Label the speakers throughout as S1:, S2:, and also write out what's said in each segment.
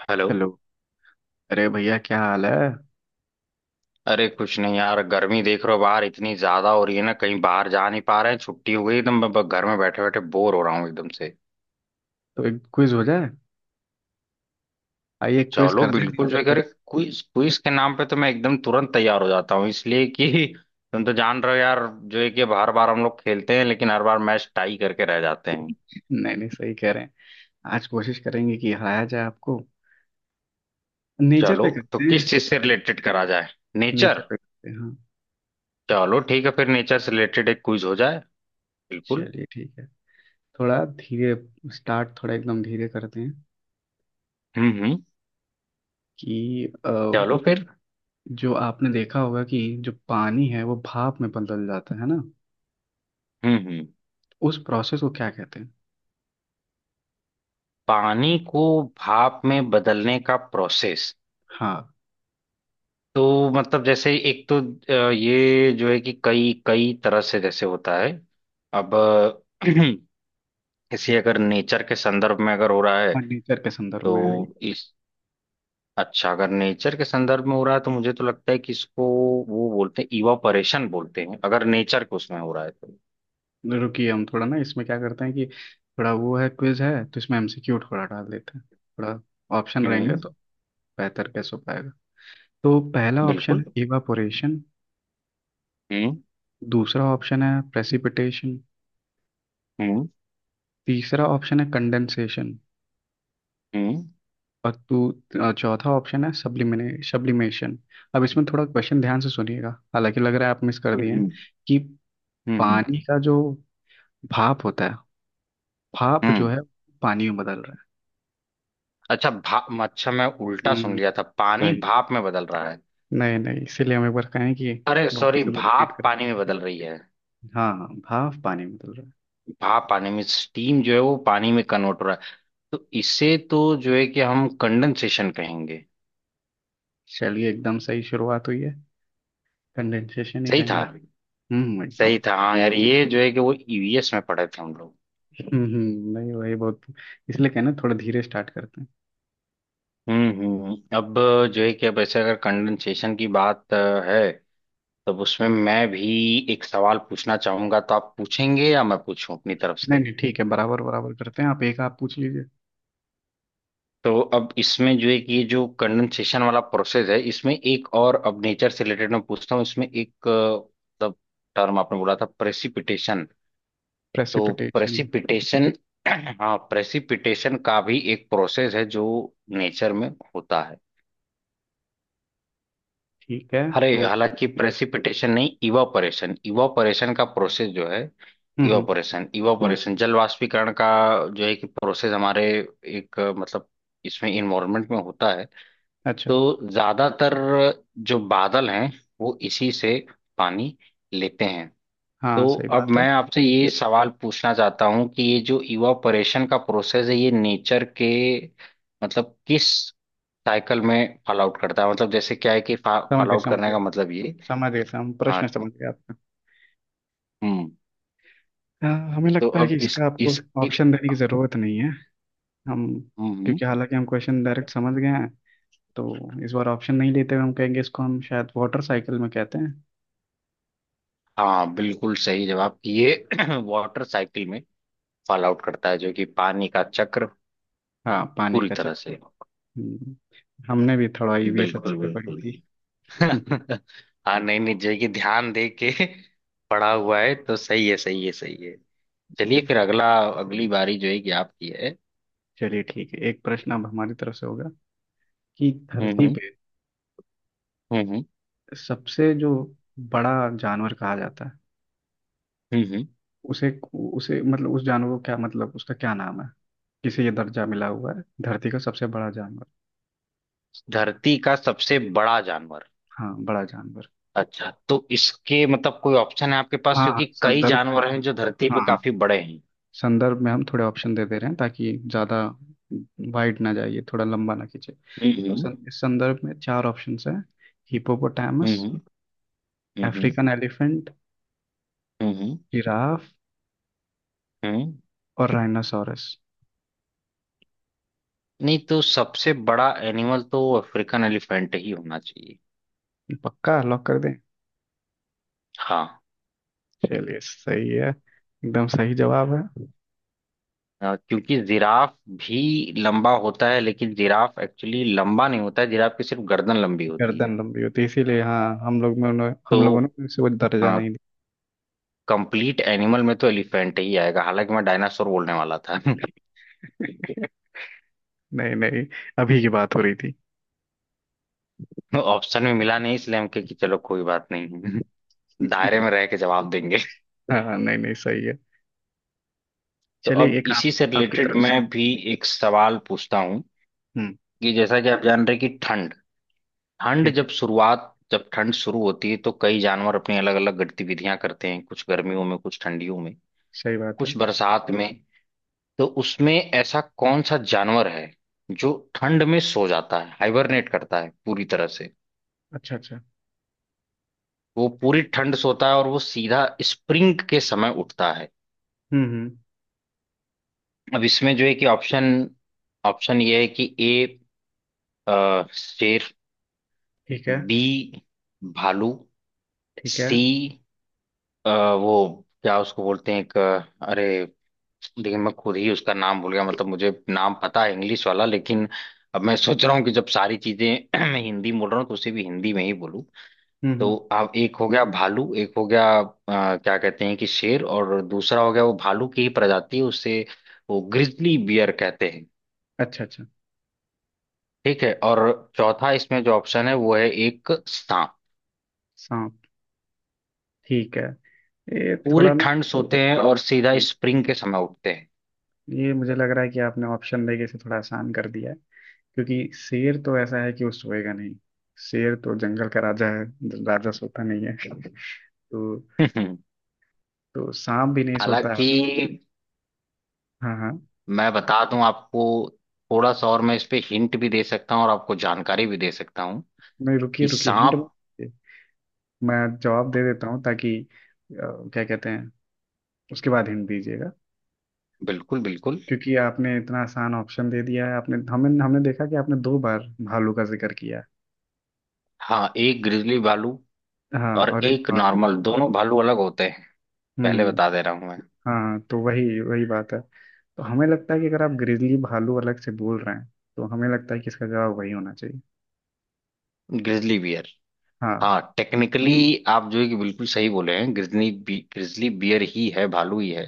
S1: Hello.
S2: Hello. अरे भैया क्या हाल है।
S1: अरे कुछ नहीं यार, गर्मी देख रहे हो बाहर, इतनी ज्यादा हो रही है ना, कहीं बाहर जा नहीं पा रहे हैं। छुट्टी हो गई एकदम। घर में बैठे बैठे बोर हो रहा हूँ एकदम से।
S2: तो एक क्विज हो जाए। आइए क्विज
S1: चलो
S2: करते हैं
S1: बिल्कुल, जो
S2: नेचर पे।
S1: अगर क्विज क्विज के नाम पे तो मैं एकदम तुरंत तैयार हो जाता हूँ, इसलिए कि तुम तो जान रहे हो यार, जो है कि हर बार हम लोग खेलते हैं लेकिन हर बार मैच टाई करके रह जाते हैं।
S2: नहीं नहीं, सही कह रहे हैं। आज कोशिश करेंगे कि हराया जाए आपको। नेचर
S1: चलो,
S2: पे
S1: तो
S2: करते हैं।
S1: किस चीज से रिलेटेड करा जाए?
S2: Nature
S1: nature.
S2: पे करते हैं, हाँ।
S1: चलो ठीक है, फिर नेचर से रिलेटेड एक क्विज हो जाए। बिल्कुल।
S2: चलिए ठीक है। थोड़ा धीरे। स्टार्ट थोड़ा एकदम धीरे करते हैं।
S1: हम्म।
S2: कि
S1: चलो फिर।
S2: जो आपने देखा होगा कि जो पानी है वो भाप में बदल जाता है ना।
S1: हम्म।
S2: उस प्रोसेस को क्या कहते हैं।
S1: पानी को भाप में बदलने का प्रोसेस?
S2: हाँ
S1: तो मतलब जैसे एक तो ये जो है कि कई कई तरह से जैसे होता है। अब किसी अगर नेचर के संदर्भ में अगर हो रहा है
S2: हाँ, नेचर के संदर्भ में है।
S1: तो इस। अच्छा, अगर नेचर के संदर्भ में हो रहा है, तो मुझे तो लगता है कि इसको वो बोलते हैं इवापोरेशन बोलते हैं, अगर नेचर को उसमें हो रहा है तो।
S2: रुकिए, हम थोड़ा ना इसमें क्या करते हैं कि थोड़ा, वो है क्विज है तो इसमें एमसीक्यू थोड़ा डाल देते हैं। थोड़ा ऑप्शन रहेंगे
S1: हम्म।
S2: तो बेहतर कैसे हो पाएगा। तो पहला ऑप्शन
S1: बिल्कुल।
S2: है इवापोरेशन।
S1: हम्म।
S2: दूसरा ऑप्शन है प्रेसिपिटेशन।
S1: हम्म।
S2: तीसरा ऑप्शन है कंडेंसेशन।
S1: हम्म।
S2: और चौथा ऑप्शन है सब्लिमिने सब्लिमेशन। अब इसमें थोड़ा क्वेश्चन ध्यान से सुनिएगा। हालांकि लग रहा है आप मिस कर
S1: हम्म।
S2: दिए हैं।
S1: हम्म।
S2: कि
S1: हम्म।
S2: पानी का जो भाप होता है, भाप जो
S1: हम्म।
S2: है पानी में बदल रहा
S1: अच्छा भाप, अच्छा मैं
S2: है।
S1: उल्टा सुन
S2: हम्म।
S1: लिया था पानी
S2: भाई
S1: भाप में बदल रहा है।
S2: नहीं नहीं, इसीलिए हम एक बार कहें कि
S1: अरे सॉरी,
S2: वापस से रिपीट
S1: भाप
S2: कर।
S1: पानी में बदल रही है।
S2: हाँ हाँ, भाप पानी में बदल रहा है।
S1: भाप पानी में, स्टीम जो है वो पानी में कन्वर्ट हो रहा है, तो इसे तो जो है कि हम कंडेंसेशन कहेंगे।
S2: चलिए, एकदम सही शुरुआत हुई है। कंडेंसेशन ही
S1: सही
S2: कहेंगे।
S1: था।
S2: हम्म, एकदम।
S1: सही था, हाँ यार, ये जो है कि वो ईवीएस में पढ़े थे हम लोग।
S2: नहीं वही बहुत, इसलिए कहना थोड़ा धीरे स्टार्ट करते हैं।
S1: अब जो है कि अब ऐसे अगर कंडेंसेशन की बात है, तब उसमें मैं भी एक सवाल पूछना चाहूंगा, तो आप पूछेंगे या मैं पूछूं अपनी तरफ
S2: नहीं
S1: से?
S2: नहीं, ठीक है, बराबर बराबर करते हैं, आप एक आप पूछ लीजिए।
S1: तो अब इसमें जो है कि ये जो कंडेंसेशन वाला प्रोसेस है, इसमें एक और अब नेचर से रिलेटेड मैं पूछता हूँ, इसमें एक मतलब टर्म आपने बोला था प्रेसिपिटेशन। तो
S2: प्रेसिपिटेशन।
S1: प्रेसिपिटेशन हाँ, प्रेसिपिटेशन का भी एक प्रोसेस है जो नेचर में होता है।
S2: ठीक है
S1: अरे
S2: तो।
S1: हालांकि प्रेसिपिटेशन नहीं, इवापोरेशन इवापोरेशन का प्रोसेस जो है,
S2: हम्म हम्म,
S1: इवापोरेशन इवापोरेशन जल वाष्पीकरण का जो है कि प्रोसेस हमारे एक मतलब इसमें इन्वायरमेंट में होता है।
S2: अच्छा।
S1: तो ज्यादातर जो बादल हैं वो इसी से पानी लेते हैं।
S2: हाँ,
S1: तो
S2: सही
S1: अब
S2: बात है।
S1: मैं आपसे ये सवाल पूछना चाहता हूं कि ये जो इवापोरेशन का प्रोसेस है, ये नेचर के मतलब किस साइकिल में फॉल आउट करता है? मतलब जैसे क्या है कि
S2: समझ
S1: फॉल
S2: गए
S1: आउट
S2: समझ
S1: करने
S2: गए,
S1: का मतलब ये।
S2: समझ गए हम
S1: हाँ।
S2: प्रश्न समझ गए आपका।
S1: हम्म।
S2: हाँ, हमें
S1: तो
S2: लगता है कि
S1: अब इस
S2: इसका आपको
S1: इस
S2: ऑप्शन देने की जरूरत नहीं है। हम,
S1: हम्म।
S2: क्योंकि हालांकि हम क्वेश्चन डायरेक्ट समझ गए हैं, तो इस बार ऑप्शन नहीं लेते हुए हम कहेंगे इसको हम शायद वाटर साइकिल में कहते हैं।
S1: हाँ बिल्कुल सही जवाब, ये वाटर साइकिल में फॉल आउट करता है, जो कि पानी का चक्र
S2: हाँ, पानी
S1: पूरी
S2: का
S1: तरह
S2: चक्कर।
S1: से।
S2: हम्म, हमने भी थोड़ा ईवीएस अच्छे
S1: बिल्कुल
S2: से पढ़ी
S1: बिल्कुल।
S2: थी।
S1: हाँ, नहीं नहीं, जो है कि ध्यान दे के पढ़ा हुआ है तो सही है, सही है, सही है। चलिए
S2: हम्म,
S1: फिर अगला, अगली बारी जो है कि आपकी है।
S2: चलिए ठीक है, एक प्रश्न अब हमारी तरफ से होगा। कि धरती
S1: हम्म।
S2: पे
S1: हम्म
S2: सबसे जो बड़ा जानवर कहा जाता है,
S1: हम्म। हम्म। हम्म।
S2: उसे उसे मतलब उस जानवर को क्या, मतलब उसका क्या नाम है। किसे ये दर्जा मिला हुआ है धरती का सबसे बड़ा जानवर।
S1: धरती का सबसे बड़ा जानवर?
S2: हाँ, बड़ा जानवर।
S1: अच्छा, तो इसके मतलब कोई ऑप्शन है आपके पास?
S2: हाँ हाँ,
S1: क्योंकि कई
S2: संदर्भ में।
S1: जानवर हैं जो धरती पे
S2: हाँ,
S1: काफी बड़े हैं।
S2: संदर्भ में हम थोड़े ऑप्शन दे दे रहे हैं ताकि ज़्यादा वाइड ना जाइए, थोड़ा लंबा ना खींचे,
S1: हम्म।
S2: तो इस संदर्भ में चार ऑप्शंस हैं। हिपोपोटामस,
S1: हम्म। हम्म।
S2: अफ्रीकन एलिफेंट,
S1: हम्म।
S2: जिराफ
S1: हम्म। हम्म।
S2: और राइनासोरस।
S1: नहीं, तो सबसे बड़ा एनिमल तो अफ्रीकन एलिफेंट ही होना चाहिए।
S2: पक्का लॉक कर दें।
S1: हाँ।
S2: चलिए, सही है, एकदम सही जवाब है।
S1: क्योंकि जिराफ भी लंबा होता है लेकिन जिराफ एक्चुअली लंबा नहीं होता है, जिराफ की सिर्फ गर्दन लंबी होती है।
S2: गर्दन लंबी होती है इसीलिए, हाँ,
S1: तो
S2: हम लोगों ने उसे वो दर्जा नहीं
S1: कंप्लीट एनिमल में तो एलिफेंट ही आएगा, हालांकि मैं डायनासोर बोलने वाला था
S2: दिया। नहीं नहीं, अभी की बात हो रही थी।
S1: ऑप्शन में मिला नहीं इसलिए हम कहे कि चलो कोई बात नहीं दायरे में रह के जवाब देंगे।
S2: हाँ नहीं नहीं, सही है।
S1: तो
S2: चलिए,
S1: अब
S2: एक
S1: इसी
S2: आप
S1: से
S2: आपकी
S1: रिलेटेड
S2: तरफ से।
S1: मैं भी एक सवाल पूछता हूँ
S2: हम्म।
S1: कि जैसा कि आप जान रहे हैं कि ठंड ठंड
S2: ठीक है,
S1: जब शुरुआत जब ठंड शुरू होती है तो कई जानवर अपनी अलग अलग गतिविधियां करते हैं, कुछ गर्मियों में कुछ ठंडियों में
S2: सही बात है।
S1: कुछ बरसात में। तो उसमें ऐसा कौन सा जानवर है जो ठंड में सो जाता है, हाइबरनेट करता है पूरी तरह से?
S2: अच्छा अच्छा।
S1: वो पूरी ठंड सोता है और वो सीधा स्प्रिंग के समय उठता है।
S2: हम्म हम्म,
S1: अब इसमें जो है कि ऑप्शन ऑप्शन ये है कि ए शेर,
S2: ठीक है
S1: बी भालू,
S2: ठीक है।
S1: सी अ, वो क्या उसको बोलते हैं एक अरे देखिए मैं खुद ही उसका नाम भूल गया, मतलब मुझे नाम पता है इंग्लिश वाला, लेकिन अब मैं सोच रहा हूँ कि जब सारी चीजें मैं हिंदी में बोल रहा हूँ तो उसे भी हिंदी में ही बोलूँ।
S2: हम्म,
S1: तो आप एक हो गया भालू, एक हो गया क्या कहते हैं कि शेर, और दूसरा हो गया वो भालू की ही प्रजाति है उसे वो ग्रिजली बियर कहते हैं।
S2: अच्छा अच्छा।
S1: ठीक है, और चौथा इसमें जो ऑप्शन है वो है एक सांप।
S2: सांप। ठीक है। ये
S1: पूरी
S2: थोड़ा ना।
S1: ठंड सोते हैं और सीधा
S2: हम्म,
S1: स्प्रिंग के समय उठते हैं
S2: ये मुझे लग रहा है कि आपने ऑप्शन देके इसे थोड़ा आसान कर दिया है। क्योंकि शेर तो ऐसा है कि वो सोएगा नहीं। शेर तो जंगल का राजा है। राजा सोता नहीं है। तो। तो सांप भी नहीं सोता है।
S1: हालांकि
S2: हाँ हाँ।
S1: मैं बता दूं आपको, थोड़ा सा और मैं इस पे हिंट भी दे सकता हूँ और आपको जानकारी भी दे सकता हूँ
S2: नहीं, रुकिए
S1: कि
S2: रुकिए, हिंट मत
S1: सांप।
S2: दीजिए। मैं जवाब दे देता हूँ ताकि, क्या कहते हैं, उसके बाद हिंट दीजिएगा।
S1: बिल्कुल बिल्कुल।
S2: क्योंकि आपने इतना आसान ऑप्शन दे दिया है, आपने, हमने हमने देखा कि आपने दो बार भालू का जिक्र किया
S1: हाँ एक ग्रिजली भालू
S2: है। हाँ,
S1: और
S2: और एक
S1: एक
S2: नॉर्मल।
S1: नॉर्मल, दोनों भालू अलग होते हैं, पहले
S2: हम्म।
S1: बता दे रहा हूँ मैं।
S2: हाँ, तो वही वही बात है, तो हमें लगता है कि अगर आप ग्रिजली भालू अलग से बोल रहे हैं तो हमें लगता है कि इसका जवाब वही होना चाहिए।
S1: Grizzly bear.
S2: हाँ।
S1: हाँ टेक्निकली आप जो है कि बिल्कुल सही बोले हैं, ग्रिजली बियर ही है, भालू ही है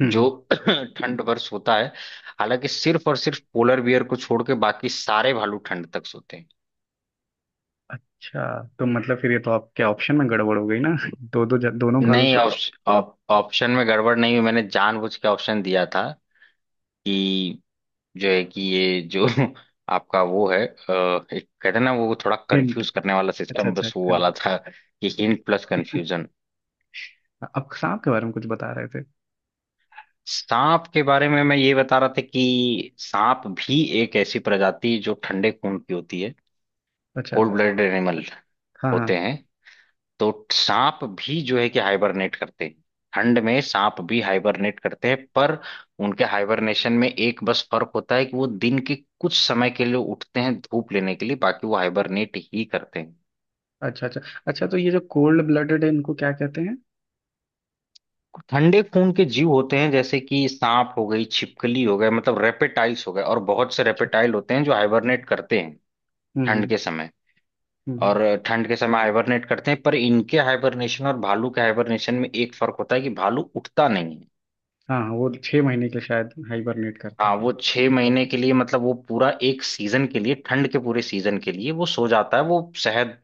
S2: हम्म
S1: जो
S2: हम्म।
S1: ठंड पर सोता है। हालांकि सिर्फ और सिर्फ पोलर बियर को छोड़ के बाकी सारे भालू ठंड तक सोते हैं।
S2: अच्छा, तो मतलब फिर ये तो आपके ऑप्शन में गड़बड़ हो गई ना। दो दो, दोनों भालू,
S1: नहीं,
S2: सॉरी।
S1: ऑप्शन ऑप्शन में गड़बड़ नहीं हुई, मैंने जानबूझ के ऑप्शन दिया था कि जो है कि ये जो आपका वो है एक कहते हैं ना वो थोड़ा
S2: हिंट।
S1: कंफ्यूज करने वाला
S2: अच्छा
S1: सिस्टम,
S2: अच्छा,
S1: बस वो वाला
S2: confuse।
S1: था कि हिंट प्लस कंफ्यूजन।
S2: आप सांप के बारे में कुछ बता रहे थे।
S1: सांप के बारे में मैं ये बता रहा था कि सांप भी एक ऐसी प्रजाति जो ठंडे खून की होती है,
S2: अच्छा।
S1: कोल्ड ब्लडेड एनिमल
S2: हाँ हाँ।
S1: होते हैं। तो सांप भी जो है कि हाइबरनेट करते हैं, ठंड में सांप भी हाइबरनेट करते हैं, पर उनके हाइबरनेशन में एक बस फर्क होता है कि वो दिन के कुछ समय के लिए उठते हैं धूप लेने के लिए, बाकी वो हाइबरनेट ही करते हैं।
S2: अच्छा अच्छा। अच्छा, तो ये जो कोल्ड ब्लडेड है इनको क्या कहते हैं।
S1: ठंडे खून के जीव होते हैं जैसे कि सांप हो गई, छिपकली हो गए, मतलब रेपेटाइल्स हो गए, और बहुत से
S2: अच्छा अच्छा।
S1: रेपेटाइल होते हैं जो हाइबरनेट करते हैं
S2: हम्म
S1: ठंड
S2: हम्म।
S1: के समय।
S2: हम्म, हम्म।
S1: और ठंड के समय हाइबरनेट करते हैं पर इनके हाइबरनेशन और भालू के हाइबरनेशन में एक फर्क होता है कि भालू उठता नहीं है।
S2: हाँ हाँ, वो 6 महीने के शायद हाइबरनेट करता है।
S1: हाँ वो 6 महीने के लिए, मतलब वो पूरा एक सीजन के लिए, ठंड के पूरे सीजन के लिए वो सो जाता है, वो शहद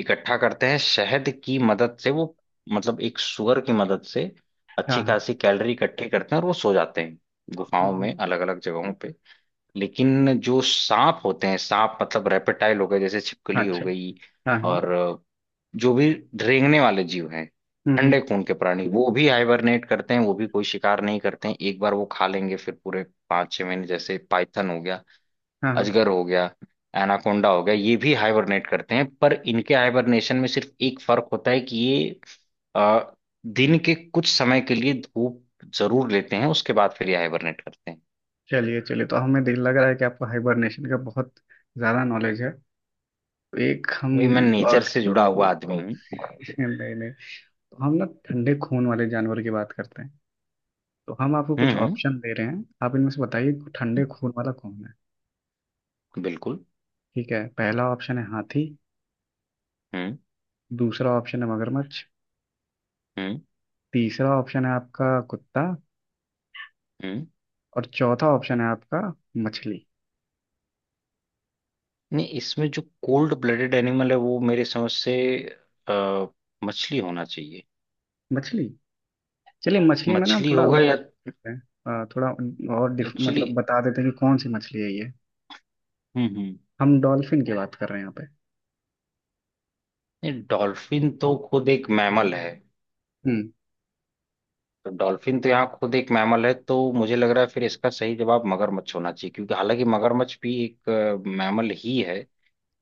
S1: इकट्ठा करते हैं, शहद की मदद से वो, मतलब एक सुअर की मदद से
S2: हाँ
S1: अच्छी
S2: हाँ।
S1: खासी कैलोरी इकट्ठी करते हैं और वो सो जाते हैं गुफाओं
S2: हम्म,
S1: में अलग अलग जगहों पे। लेकिन जो सांप होते हैं, सांप मतलब रेपेटाइल हो गए जैसे छिपकली हो
S2: अच्छा।
S1: गई,
S2: हाँ हाँ।
S1: और जो भी रेंगने वाले जीव हैं,
S2: हम्म हम्म,
S1: ठंडे खून के प्राणी, वो भी हाइबरनेट करते हैं, वो भी कोई शिकार नहीं करते हैं, एक बार वो खा लेंगे फिर पूरे 5 6 महीने। जैसे पाइथन हो गया,
S2: हाँ हाँ।
S1: अजगर हो गया, एनाकोंडा हो गया, ये भी हाइबरनेट करते हैं, पर इनके हाइबरनेशन में सिर्फ एक फर्क होता है कि ये अ, दिन के कुछ समय के लिए धूप जरूर लेते हैं, उसके बाद फिर ये हाइबरनेट करते हैं।
S2: चलिए चलिए, तो हमें दिल लग रहा है कि आपको हाइबरनेशन का बहुत ज़्यादा नॉलेज है। तो एक हम
S1: अभी मैं नेचर
S2: और।
S1: से जुड़ा हुआ आदमी हूँ।
S2: नहीं नहीं। तो हम ना ठंडे खून वाले जानवर की बात करते हैं। तो हम आपको
S1: हम्म
S2: कुछ
S1: हम्म,
S2: ऑप्शन दे रहे हैं, आप इनमें से बताइए ठंडे खून वाला कौन है।
S1: बिल्कुल।
S2: ठीक है, पहला ऑप्शन है हाथी।
S1: हम्म।
S2: दूसरा ऑप्शन है मगरमच्छ।
S1: हम्म।
S2: तीसरा ऑप्शन है आपका कुत्ता।
S1: हम्म।
S2: और चौथा ऑप्शन है आपका मछली।
S1: नहीं, इसमें जो कोल्ड ब्लडेड एनिमल है वो मेरे समझ से अ, मछली होना चाहिए।
S2: मछली। चलिए, मछली में ना हम
S1: मछली
S2: थोड़ा,
S1: होगा या
S2: थोड़ा और डिफ
S1: एक्चुअली।
S2: मतलब बता देते हैं कि कौन सी मछली है ये।
S1: हम्म।
S2: हम डॉल्फिन की बात कर रहे हैं यहाँ पे।
S1: नहीं डॉल्फिन तो खुद एक मैमल है,
S2: हम्म।
S1: तो डॉल्फिन तो यहाँ खुद एक मैमल है, तो मुझे लग रहा है फिर इसका सही जवाब मगरमच्छ होना चाहिए, क्योंकि हालांकि मगरमच्छ भी एक मैमल ही है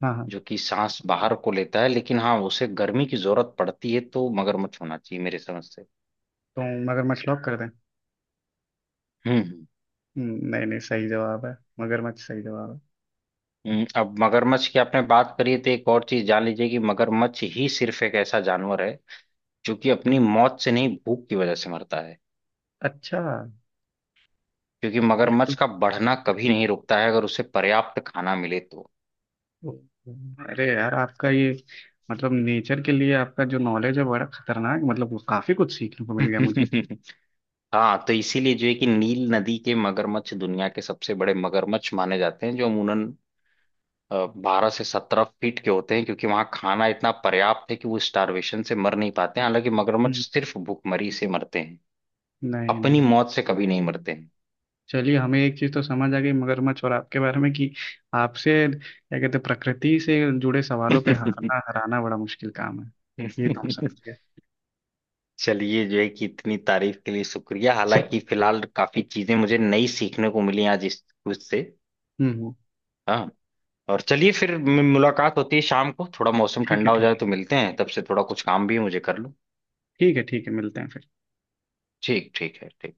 S2: हाँ हाँ।
S1: जो कि सांस बाहर को लेता है, लेकिन हाँ उसे गर्मी की जरूरत पड़ती है, तो मगरमच्छ होना चाहिए मेरे समझ से।
S2: तो मगरमच्छ लॉक कर दें।
S1: हम्म।
S2: नहीं नहीं, सही जवाब है, मगरमच्छ सही जवाब है।
S1: अब मगरमच्छ की आपने बात करी है, तो एक और चीज जान लीजिए कि मगरमच्छ ही सिर्फ एक ऐसा जानवर है जो कि अपनी मौत से नहीं भूख की वजह से मरता है,
S2: अच्छा,
S1: क्योंकि
S2: ये तो,
S1: मगरमच्छ का बढ़ना कभी नहीं रुकता है अगर उसे पर्याप्त खाना मिले तो
S2: अरे यार आपका ये, मतलब नेचर के लिए आपका जो नॉलेज है बड़ा खतरनाक, मतलब वो काफी कुछ सीखने को मिल गया मुझे।
S1: हाँ, तो इसीलिए जो है कि नील नदी के मगरमच्छ दुनिया के सबसे बड़े मगरमच्छ माने जाते हैं, जो अमूमन 12 से 17 फीट के होते हैं, क्योंकि वहाँ खाना इतना पर्याप्त है कि वो स्टारवेशन से मर नहीं पाते हैं, हालांकि मगरमच्छ
S2: हम्म,
S1: सिर्फ भूखमरी से मरते हैं,
S2: नहीं
S1: अपनी
S2: नहीं,
S1: मौत से कभी नहीं मरते।
S2: चलिए, हमें एक चीज तो समझ आ गई मगरमच्छ और आपके बारे में कि आपसे, क्या कहते हैं, प्रकृति से जुड़े सवालों पे हारना हराना बड़ा मुश्किल काम है। ये तो हम समझ गए।
S1: चलिए, जो है कि इतनी तारीफ के लिए शुक्रिया, हालांकि फिलहाल काफी चीजें मुझे नई सीखने को मिली आज इस कुछ से।
S2: हम्म हम्म,
S1: हाँ। और चलिए फिर मुलाकात होती है शाम को, थोड़ा मौसम
S2: ठीक है
S1: ठंडा हो
S2: ठीक
S1: जाए
S2: है।
S1: तो मिलते हैं तब से, थोड़ा कुछ काम भी है मुझे कर लूँ।
S2: ठीक है ठीक है, मिलते हैं फिर।
S1: ठीक ठीक है ठीक।